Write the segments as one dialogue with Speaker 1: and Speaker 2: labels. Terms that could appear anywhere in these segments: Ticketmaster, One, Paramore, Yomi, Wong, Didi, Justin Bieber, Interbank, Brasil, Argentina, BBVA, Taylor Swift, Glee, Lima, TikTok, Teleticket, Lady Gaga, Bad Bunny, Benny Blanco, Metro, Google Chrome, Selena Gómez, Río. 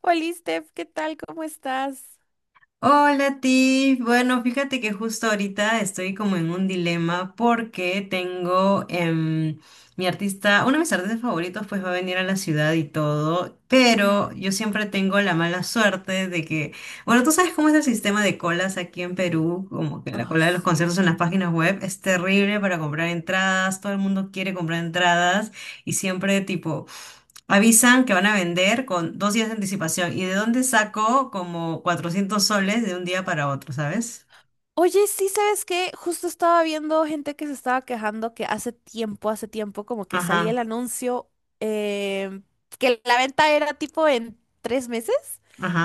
Speaker 1: Hola, Steph, ¿qué tal? ¿Cómo estás?
Speaker 2: Hola Tiff, bueno, fíjate que justo ahorita estoy como en un dilema porque tengo mi artista, uno de mis artistas favoritos pues va a venir a la ciudad y todo, pero
Speaker 1: Ujú.
Speaker 2: yo siempre tengo la mala suerte de que, bueno, tú sabes cómo es el sistema de colas aquí en Perú, como que la
Speaker 1: Ay,
Speaker 2: cola de los
Speaker 1: sí.
Speaker 2: conciertos en las páginas web es terrible para comprar entradas, todo el mundo quiere comprar entradas y siempre tipo... Avisan que van a vender con 2 días de anticipación. ¿Y de dónde saco como 400 soles de un día para otro, sabes?
Speaker 1: Oye, sí, ¿sabes qué? Justo estaba viendo gente que se estaba quejando que hace tiempo, como que salía el
Speaker 2: Ajá,
Speaker 1: anuncio eh, que la venta era tipo en 3 meses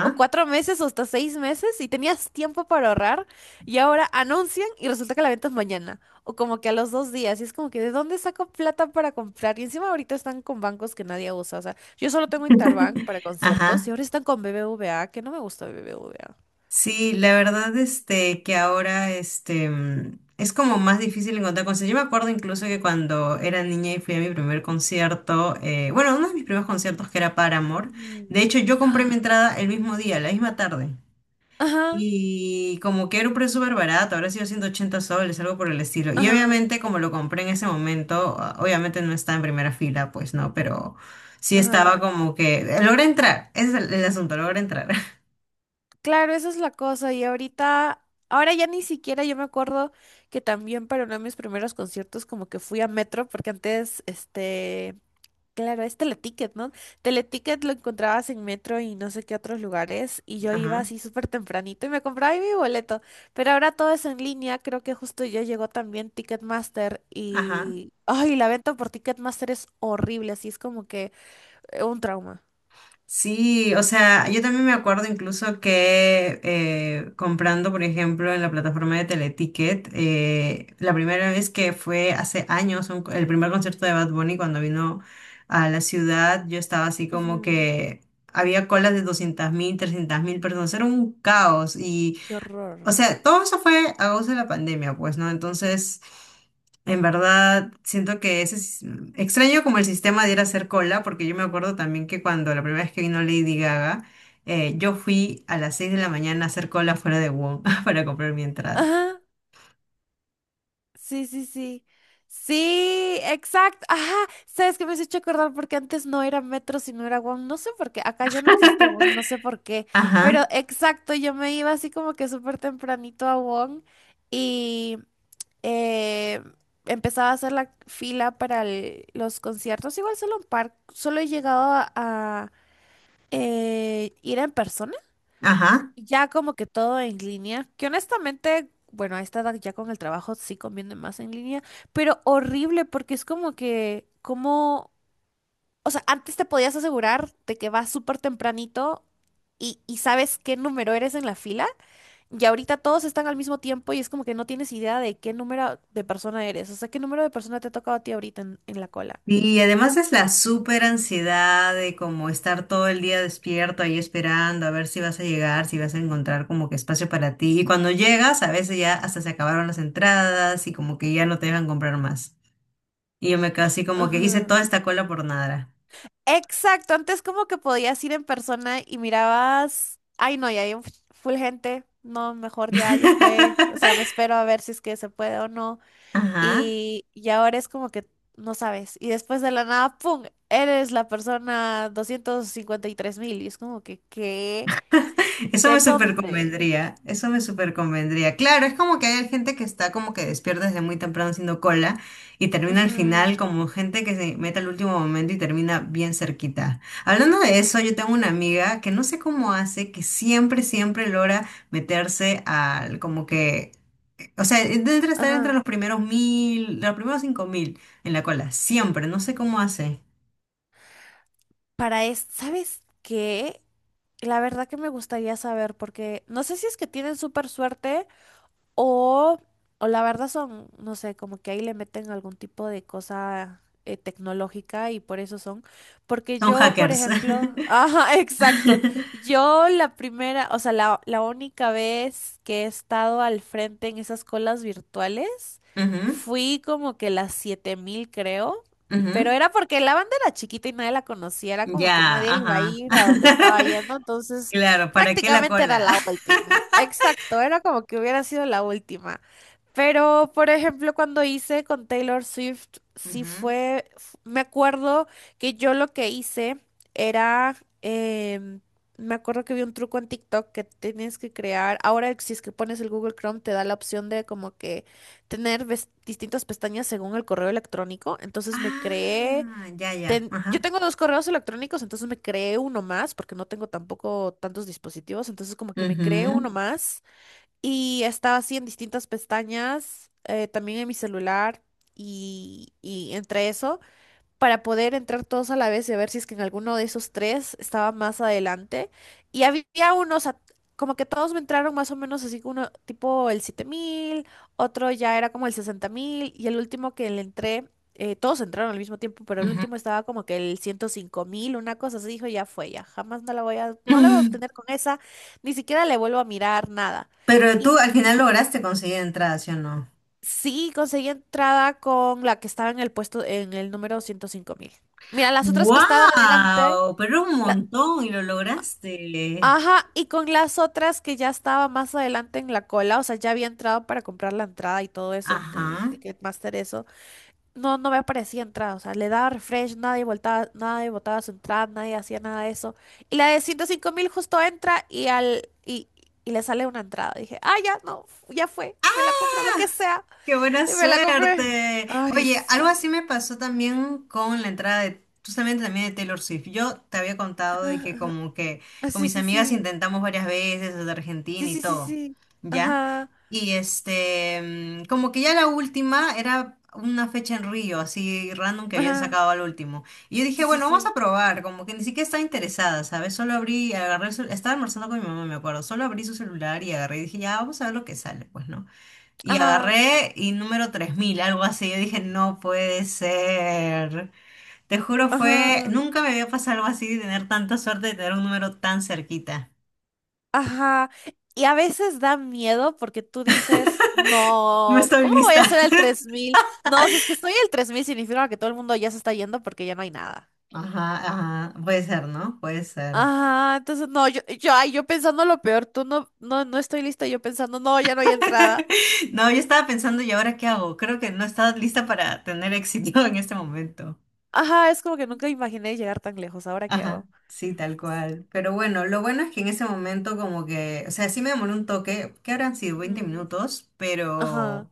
Speaker 1: o 4 meses o hasta 6 meses y tenías tiempo para ahorrar y ahora anuncian y resulta que la venta es mañana o como que a los 2 días y es como que ¿de dónde saco plata para comprar? Y encima ahorita están con bancos que nadie usa, o sea, yo solo tengo Interbank para conciertos y
Speaker 2: ajá.
Speaker 1: ahora están con BBVA, que no me gusta BBVA.
Speaker 2: Sí, la verdad, este, que ahora, este, es como más difícil encontrar conciertos. Yo me acuerdo incluso que cuando era niña y fui a mi primer concierto, bueno, uno de mis primeros conciertos que era Paramore,
Speaker 1: Mm.
Speaker 2: de hecho yo compré mi entrada el mismo día, la misma tarde.
Speaker 1: Ajá.
Speaker 2: Y como que era un precio súper barato, habrá sido 180 soles, algo por el estilo. Y
Speaker 1: Ajá,
Speaker 2: obviamente como lo compré en ese momento, obviamente no estaba en primera fila, pues no, pero sí estaba
Speaker 1: ajá.
Speaker 2: como que... Logré entrar, ese es el asunto, logré entrar.
Speaker 1: Claro, esa es la cosa. Y ahorita, ahora ya ni siquiera yo me acuerdo que también para uno de mis primeros conciertos como que fui a Metro, porque antes, claro, es Teleticket, ¿no? Teleticket lo encontrabas en Metro y no sé qué otros lugares, y yo iba
Speaker 2: Ajá,
Speaker 1: así súper tempranito y me compraba ahí mi boleto. Pero ahora todo es en línea, creo que justo ya llegó también Ticketmaster
Speaker 2: ajá.
Speaker 1: y... Ay, la venta por Ticketmaster es horrible, así es como que un trauma.
Speaker 2: Sí, o sea, yo también me acuerdo incluso que comprando, por ejemplo, en la plataforma de Teleticket, la primera vez que fue hace años, el primer concierto de Bad Bunny cuando vino a la ciudad, yo estaba así como
Speaker 1: Ujú,
Speaker 2: que había colas de 200.000, 300.000 personas, era un caos,
Speaker 1: qué horror.
Speaker 2: o sea, todo eso fue a causa de la pandemia, pues, ¿no? Entonces, en verdad, siento que ese es extraño como el sistema de ir a hacer cola, porque yo me acuerdo también que cuando la primera vez que vino Lady Gaga, yo fui a las 6 de la mañana a hacer cola fuera de Wong para comprar mi entrada.
Speaker 1: Ajá, sí, sí, sí. Sí, exacto. Ajá, sabes que me has hecho acordar porque antes no era metro, sino era One. No sé por qué, acá ya no existe One, no sé por qué. Pero
Speaker 2: Ajá,
Speaker 1: exacto, yo me iba así como que súper tempranito a One y eh, empezaba a hacer la fila para los conciertos. Igual solo un par, solo he llegado a ir en persona
Speaker 2: ajá.
Speaker 1: ya como que todo en línea, que honestamente, bueno, a esta edad ya con el trabajo sí conviene más en línea, pero horrible porque es como que, como, o sea, antes te podías asegurar de que vas súper tempranito y sabes qué número eres en la fila, y ahorita todos están al mismo tiempo y es como que no tienes idea de qué número de persona eres, o sea, qué número de persona te ha tocado a ti ahorita en la cola.
Speaker 2: Y además es la súper ansiedad de como estar todo el día despierto ahí esperando a ver si vas a llegar, si vas a encontrar como que espacio para ti. Y cuando llegas, a veces ya hasta se acabaron las entradas y como que ya no te dejan comprar más. Y yo me quedo así como que hice
Speaker 1: Ajá.
Speaker 2: toda esta cola por nada.
Speaker 1: Exacto, antes como que podías ir en persona y mirabas, ay no, ya hay un full gente, no, mejor ya, ya fue, o sea, me espero a ver si es que se puede o no,
Speaker 2: Ajá.
Speaker 1: y ahora es como que no sabes, y después de la nada, ¡pum!, eres la persona 253.000, y es como que, ¿qué?
Speaker 2: Eso
Speaker 1: ¿De
Speaker 2: me súper
Speaker 1: dónde?
Speaker 2: convendría, eso me súper convendría. Claro, es como que hay gente que está como que despierta desde muy temprano haciendo cola y termina al final
Speaker 1: Ujú,
Speaker 2: como gente que se mete al último momento y termina bien cerquita. Hablando de eso, yo tengo una amiga que no sé cómo hace, que siempre, siempre logra meterse al como que, o sea, debe estar entre
Speaker 1: ajá.
Speaker 2: los primeros 1.000, los primeros 5.000 en la cola, siempre, no sé cómo hace.
Speaker 1: Para esto, ¿sabes qué? La verdad que me gustaría saber, porque no sé si es que tienen súper suerte. O, o la verdad son, no sé, como que ahí le meten algún tipo de cosa tecnológica y por eso son. Porque
Speaker 2: Son
Speaker 1: yo, por
Speaker 2: hackers.
Speaker 1: ejemplo, ajá, exacto. Yo la primera, o sea, la única vez que he estado al frente en esas colas virtuales,
Speaker 2: Ujú,
Speaker 1: fui como que las 7.000 creo. Pero
Speaker 2: ujú.
Speaker 1: era porque la banda era chiquita y nadie la conocía, era como que
Speaker 2: Ya,
Speaker 1: nadie iba a
Speaker 2: ajá.
Speaker 1: ir a donde estaba yendo, entonces
Speaker 2: Claro, ¿para qué la
Speaker 1: prácticamente era
Speaker 2: cola?
Speaker 1: la última. Exacto, era como que hubiera sido la última. Pero, por ejemplo, cuando hice con Taylor Swift, sí
Speaker 2: Ujú.
Speaker 1: fue, me acuerdo que yo lo que hice era, em, me acuerdo que vi un truco en TikTok que tienes que crear, ahora si es que pones el Google Chrome te da la opción de como que tener distintas pestañas según el correo electrónico, entonces me creé
Speaker 2: Ah, ya, ya, ajá.
Speaker 1: yo tengo dos correos electrónicos, entonces me creé uno más, porque no tengo tampoco tantos dispositivos, entonces como que me creé
Speaker 2: Ujú,
Speaker 1: uno más y estaba así en distintas pestañas, también en mi celular y entre esos para poder entrar todos a la vez y ver si es que en alguno de esos tres estaba más adelante. Y había unos, como que todos me entraron más o menos así, uno tipo el 7.000 otro ya era como el 60.000 y el último que le entré, todos entraron al mismo tiempo, pero el
Speaker 2: ujú.
Speaker 1: último estaba como que el 105.000 una cosa así, dijo, ya fue, ya jamás no la voy a
Speaker 2: Mm.
Speaker 1: obtener con esa, ni siquiera le vuelvo a mirar nada.
Speaker 2: Pero tú
Speaker 1: Y
Speaker 2: al final lograste conseguir entrada, ¿sí o no?
Speaker 1: Sí, conseguí entrada con la que estaba en el puesto, en el número 105.000. Mira, las otras que estaba adelante,
Speaker 2: ¡Wow! Pero un
Speaker 1: la-
Speaker 2: montón y lo lograste.
Speaker 1: ajá, y con las otras que ya estaba más adelante en la cola, o sea, ya había entrado para comprar la entrada y todo eso en el
Speaker 2: Ajá.
Speaker 1: Ticketmaster, eso, no, no me aparecía entrada, o sea, le daba refresh, nadie voltaba, nadie botaba su entrada, nadie hacía nada de eso. Y la de 105.000 justo entra y le sale una entrada. Dije, ah, ya, no, ya fue, me la compro lo que sea.
Speaker 2: ¡Qué buena
Speaker 1: Y me la compré.
Speaker 2: suerte!
Speaker 1: Ay,
Speaker 2: Oye, algo así me
Speaker 1: sí.
Speaker 2: pasó también con la entrada de, justamente también de Taylor Swift. Yo te había contado de que como que
Speaker 1: Ah,
Speaker 2: con
Speaker 1: sí,
Speaker 2: mis
Speaker 1: sí,
Speaker 2: amigas
Speaker 1: sí.
Speaker 2: intentamos varias veces desde Argentina
Speaker 1: Sí,
Speaker 2: y
Speaker 1: sí, sí,
Speaker 2: todo,
Speaker 1: sí.
Speaker 2: ¿ya?
Speaker 1: Ajá.
Speaker 2: Y este, como que ya la última era una fecha en Río, así random que habían
Speaker 1: Ajá.
Speaker 2: sacado al último. Y yo dije,
Speaker 1: Sí, sí,
Speaker 2: bueno, vamos
Speaker 1: sí.
Speaker 2: a probar, como que ni siquiera estaba interesada, ¿sabes? Solo abrí, agarré estaba almorzando con mi mamá, me acuerdo, solo abrí su celular y agarré y dije, ya, vamos a ver lo que sale, pues, ¿no? Y
Speaker 1: Ajá.
Speaker 2: agarré y número 3.000 algo así. Yo dije, no puede ser. Te juro,
Speaker 1: Ajá.
Speaker 2: fue. Nunca me había pasado algo así de tener tanta suerte de tener un número tan cerquita.
Speaker 1: Ajá. Y a veces da miedo porque tú dices,
Speaker 2: No
Speaker 1: no,
Speaker 2: estoy
Speaker 1: ¿cómo voy
Speaker 2: lista.
Speaker 1: a hacer el 3.000? No, si es que estoy el 3.000 significa que todo el mundo ya se está yendo porque ya no hay nada.
Speaker 2: Ajá, ajá. Puede ser, ¿no? Puede ser.
Speaker 1: Ajá, entonces no, ay, yo pensando lo peor, tú no, no, no estoy lista, yo pensando, no, ya no hay entrada.
Speaker 2: No, yo estaba pensando, ¿y ahora qué hago? Creo que no estaba lista para tener éxito en este momento.
Speaker 1: Ajá, es como que nunca imaginé llegar tan lejos, ¿ahora qué
Speaker 2: Ajá,
Speaker 1: hago?
Speaker 2: sí, tal cual. Pero bueno, lo bueno es que en ese momento como que, o sea, sí me demoré un toque, que habrán sido 20
Speaker 1: Ujú.
Speaker 2: minutos,
Speaker 1: Ajá.
Speaker 2: pero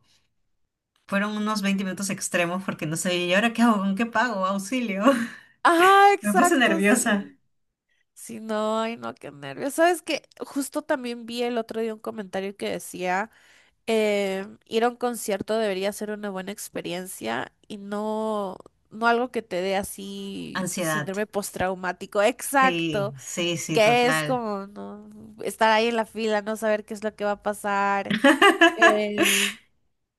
Speaker 2: fueron unos 20 minutos extremos porque no sé, ¿y ahora qué hago? ¿Con qué pago? Auxilio.
Speaker 1: Ajá,
Speaker 2: Me puse
Speaker 1: exacto,
Speaker 2: nerviosa.
Speaker 1: sí. Sí, no, ay, no, qué nervios. ¿Sabes qué? Justo también vi el otro día un comentario que decía, ir a un concierto debería ser una buena experiencia y no, no algo que te dé así
Speaker 2: Ansiedad.
Speaker 1: síndrome postraumático.
Speaker 2: Sí,
Speaker 1: Exacto,
Speaker 2: sí, sí,
Speaker 1: que es
Speaker 2: total.
Speaker 1: como no, estar ahí en la fila, no saber qué es lo que va a pasar. Eh,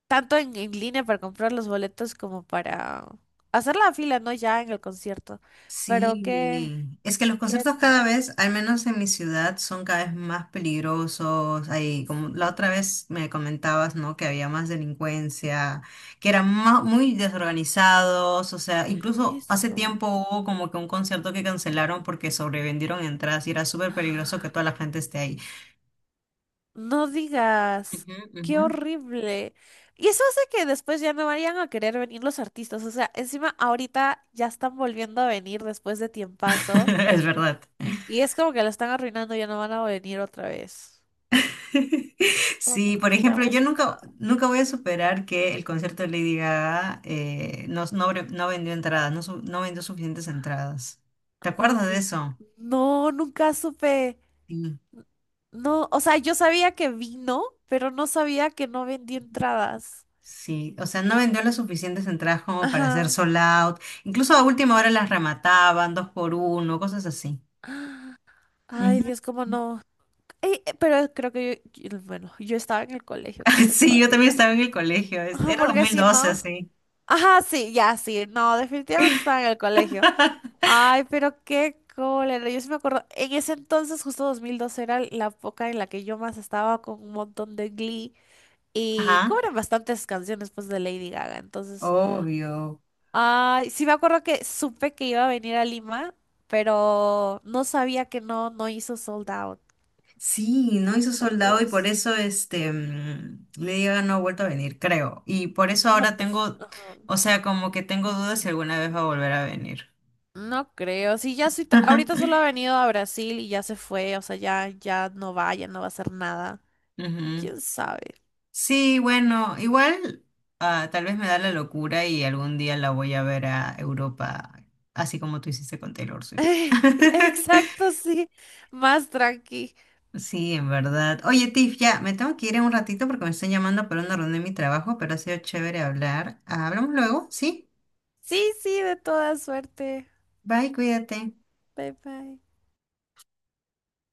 Speaker 1: Tanto en línea para comprar los boletos como para hacer la fila, ¿no? Ya en el concierto. Pero
Speaker 2: Sí,
Speaker 1: qué,
Speaker 2: es que los
Speaker 1: qué
Speaker 2: conciertos cada
Speaker 1: trauma.
Speaker 2: vez, al menos en mi ciudad, son cada vez más peligrosos. Ahí, como la otra
Speaker 1: Sí.
Speaker 2: vez me comentabas, ¿no? Que había más delincuencia, que eran muy desorganizados. O sea, incluso hace
Speaker 1: Eso.
Speaker 2: tiempo hubo como que un concierto que cancelaron porque sobrevendieron entradas y era súper peligroso que toda la gente esté ahí.
Speaker 1: No digas,
Speaker 2: Ujú,
Speaker 1: qué
Speaker 2: ujú.
Speaker 1: horrible. Y eso hace que después ya no vayan a querer venir los artistas. O sea, encima ahorita ya están volviendo a venir después de tiempazo.
Speaker 2: Es verdad.
Speaker 1: Y es como que lo están arruinando, ya no van a venir otra vez. Como que
Speaker 2: Sí, por
Speaker 1: nos
Speaker 2: ejemplo,
Speaker 1: quedamos
Speaker 2: yo
Speaker 1: sin
Speaker 2: nunca,
Speaker 1: nada.
Speaker 2: nunca voy a superar que el concierto de Lady Gaga no vendió entradas, no, no vendió suficientes entradas. ¿Te
Speaker 1: No
Speaker 2: acuerdas de
Speaker 1: di.
Speaker 2: eso?
Speaker 1: No, nunca supe.
Speaker 2: Sí.
Speaker 1: No, o sea, yo sabía que vino, pero no sabía que no, vendí entradas.
Speaker 2: Sí, o sea, no vendió las suficientes entradas como para hacer
Speaker 1: Ajá.
Speaker 2: sold out. Incluso a última hora las remataban, dos por uno, cosas así.
Speaker 1: Ay,
Speaker 2: Ujú.
Speaker 1: Dios, cómo no. Ey, pero creo que yo, bueno, yo estaba en el colegio, creo que
Speaker 2: Sí, yo también
Speaker 1: todavía.
Speaker 2: estaba en el colegio, este,
Speaker 1: Ajá,
Speaker 2: era dos
Speaker 1: porque
Speaker 2: mil
Speaker 1: si
Speaker 2: doce
Speaker 1: no.
Speaker 2: así.
Speaker 1: Ajá, sí, ya, sí. No, definitivamente estaba en el colegio. Ay, pero qué cólera. Yo sí me acuerdo, en ese entonces, justo 2002 era la época en la que yo más estaba con un montón de Glee. Y
Speaker 2: Ajá,
Speaker 1: cobran bastantes canciones, pues, de Lady Gaga. Entonces,
Speaker 2: obvio.
Speaker 1: ay, sí me acuerdo que supe que iba a venir a Lima, pero no sabía que no, no hizo sold out.
Speaker 2: Sí, no
Speaker 1: Qué
Speaker 2: hizo soldado y por
Speaker 1: tontos.
Speaker 2: eso este Lady Gaga no ha vuelto a venir, creo. Y por eso
Speaker 1: No,
Speaker 2: ahora
Speaker 1: pues,
Speaker 2: tengo,
Speaker 1: ajá.
Speaker 2: o sea, como que tengo dudas si alguna vez va a volver a venir.
Speaker 1: No creo. Sí, ya sí, ahorita solo ha venido a Brasil y ya se fue. O sea, ya, ya no va a hacer nada.
Speaker 2: Ujú.
Speaker 1: ¿Quién sabe?
Speaker 2: Sí, bueno, igual tal vez me da la locura y algún día la voy a ver a Europa, así como tú hiciste con Taylor Swift.
Speaker 1: Exacto, sí. Más tranqui.
Speaker 2: Sí, en verdad. Oye, Tiff, ya me tengo que ir en un ratito porque me están llamando por una reunión de mi trabajo, pero ha sido chévere hablar. Hablamos luego, ¿sí?
Speaker 1: Sí, sí, de toda suerte.
Speaker 2: Bye, cuídate.
Speaker 1: Bye bye.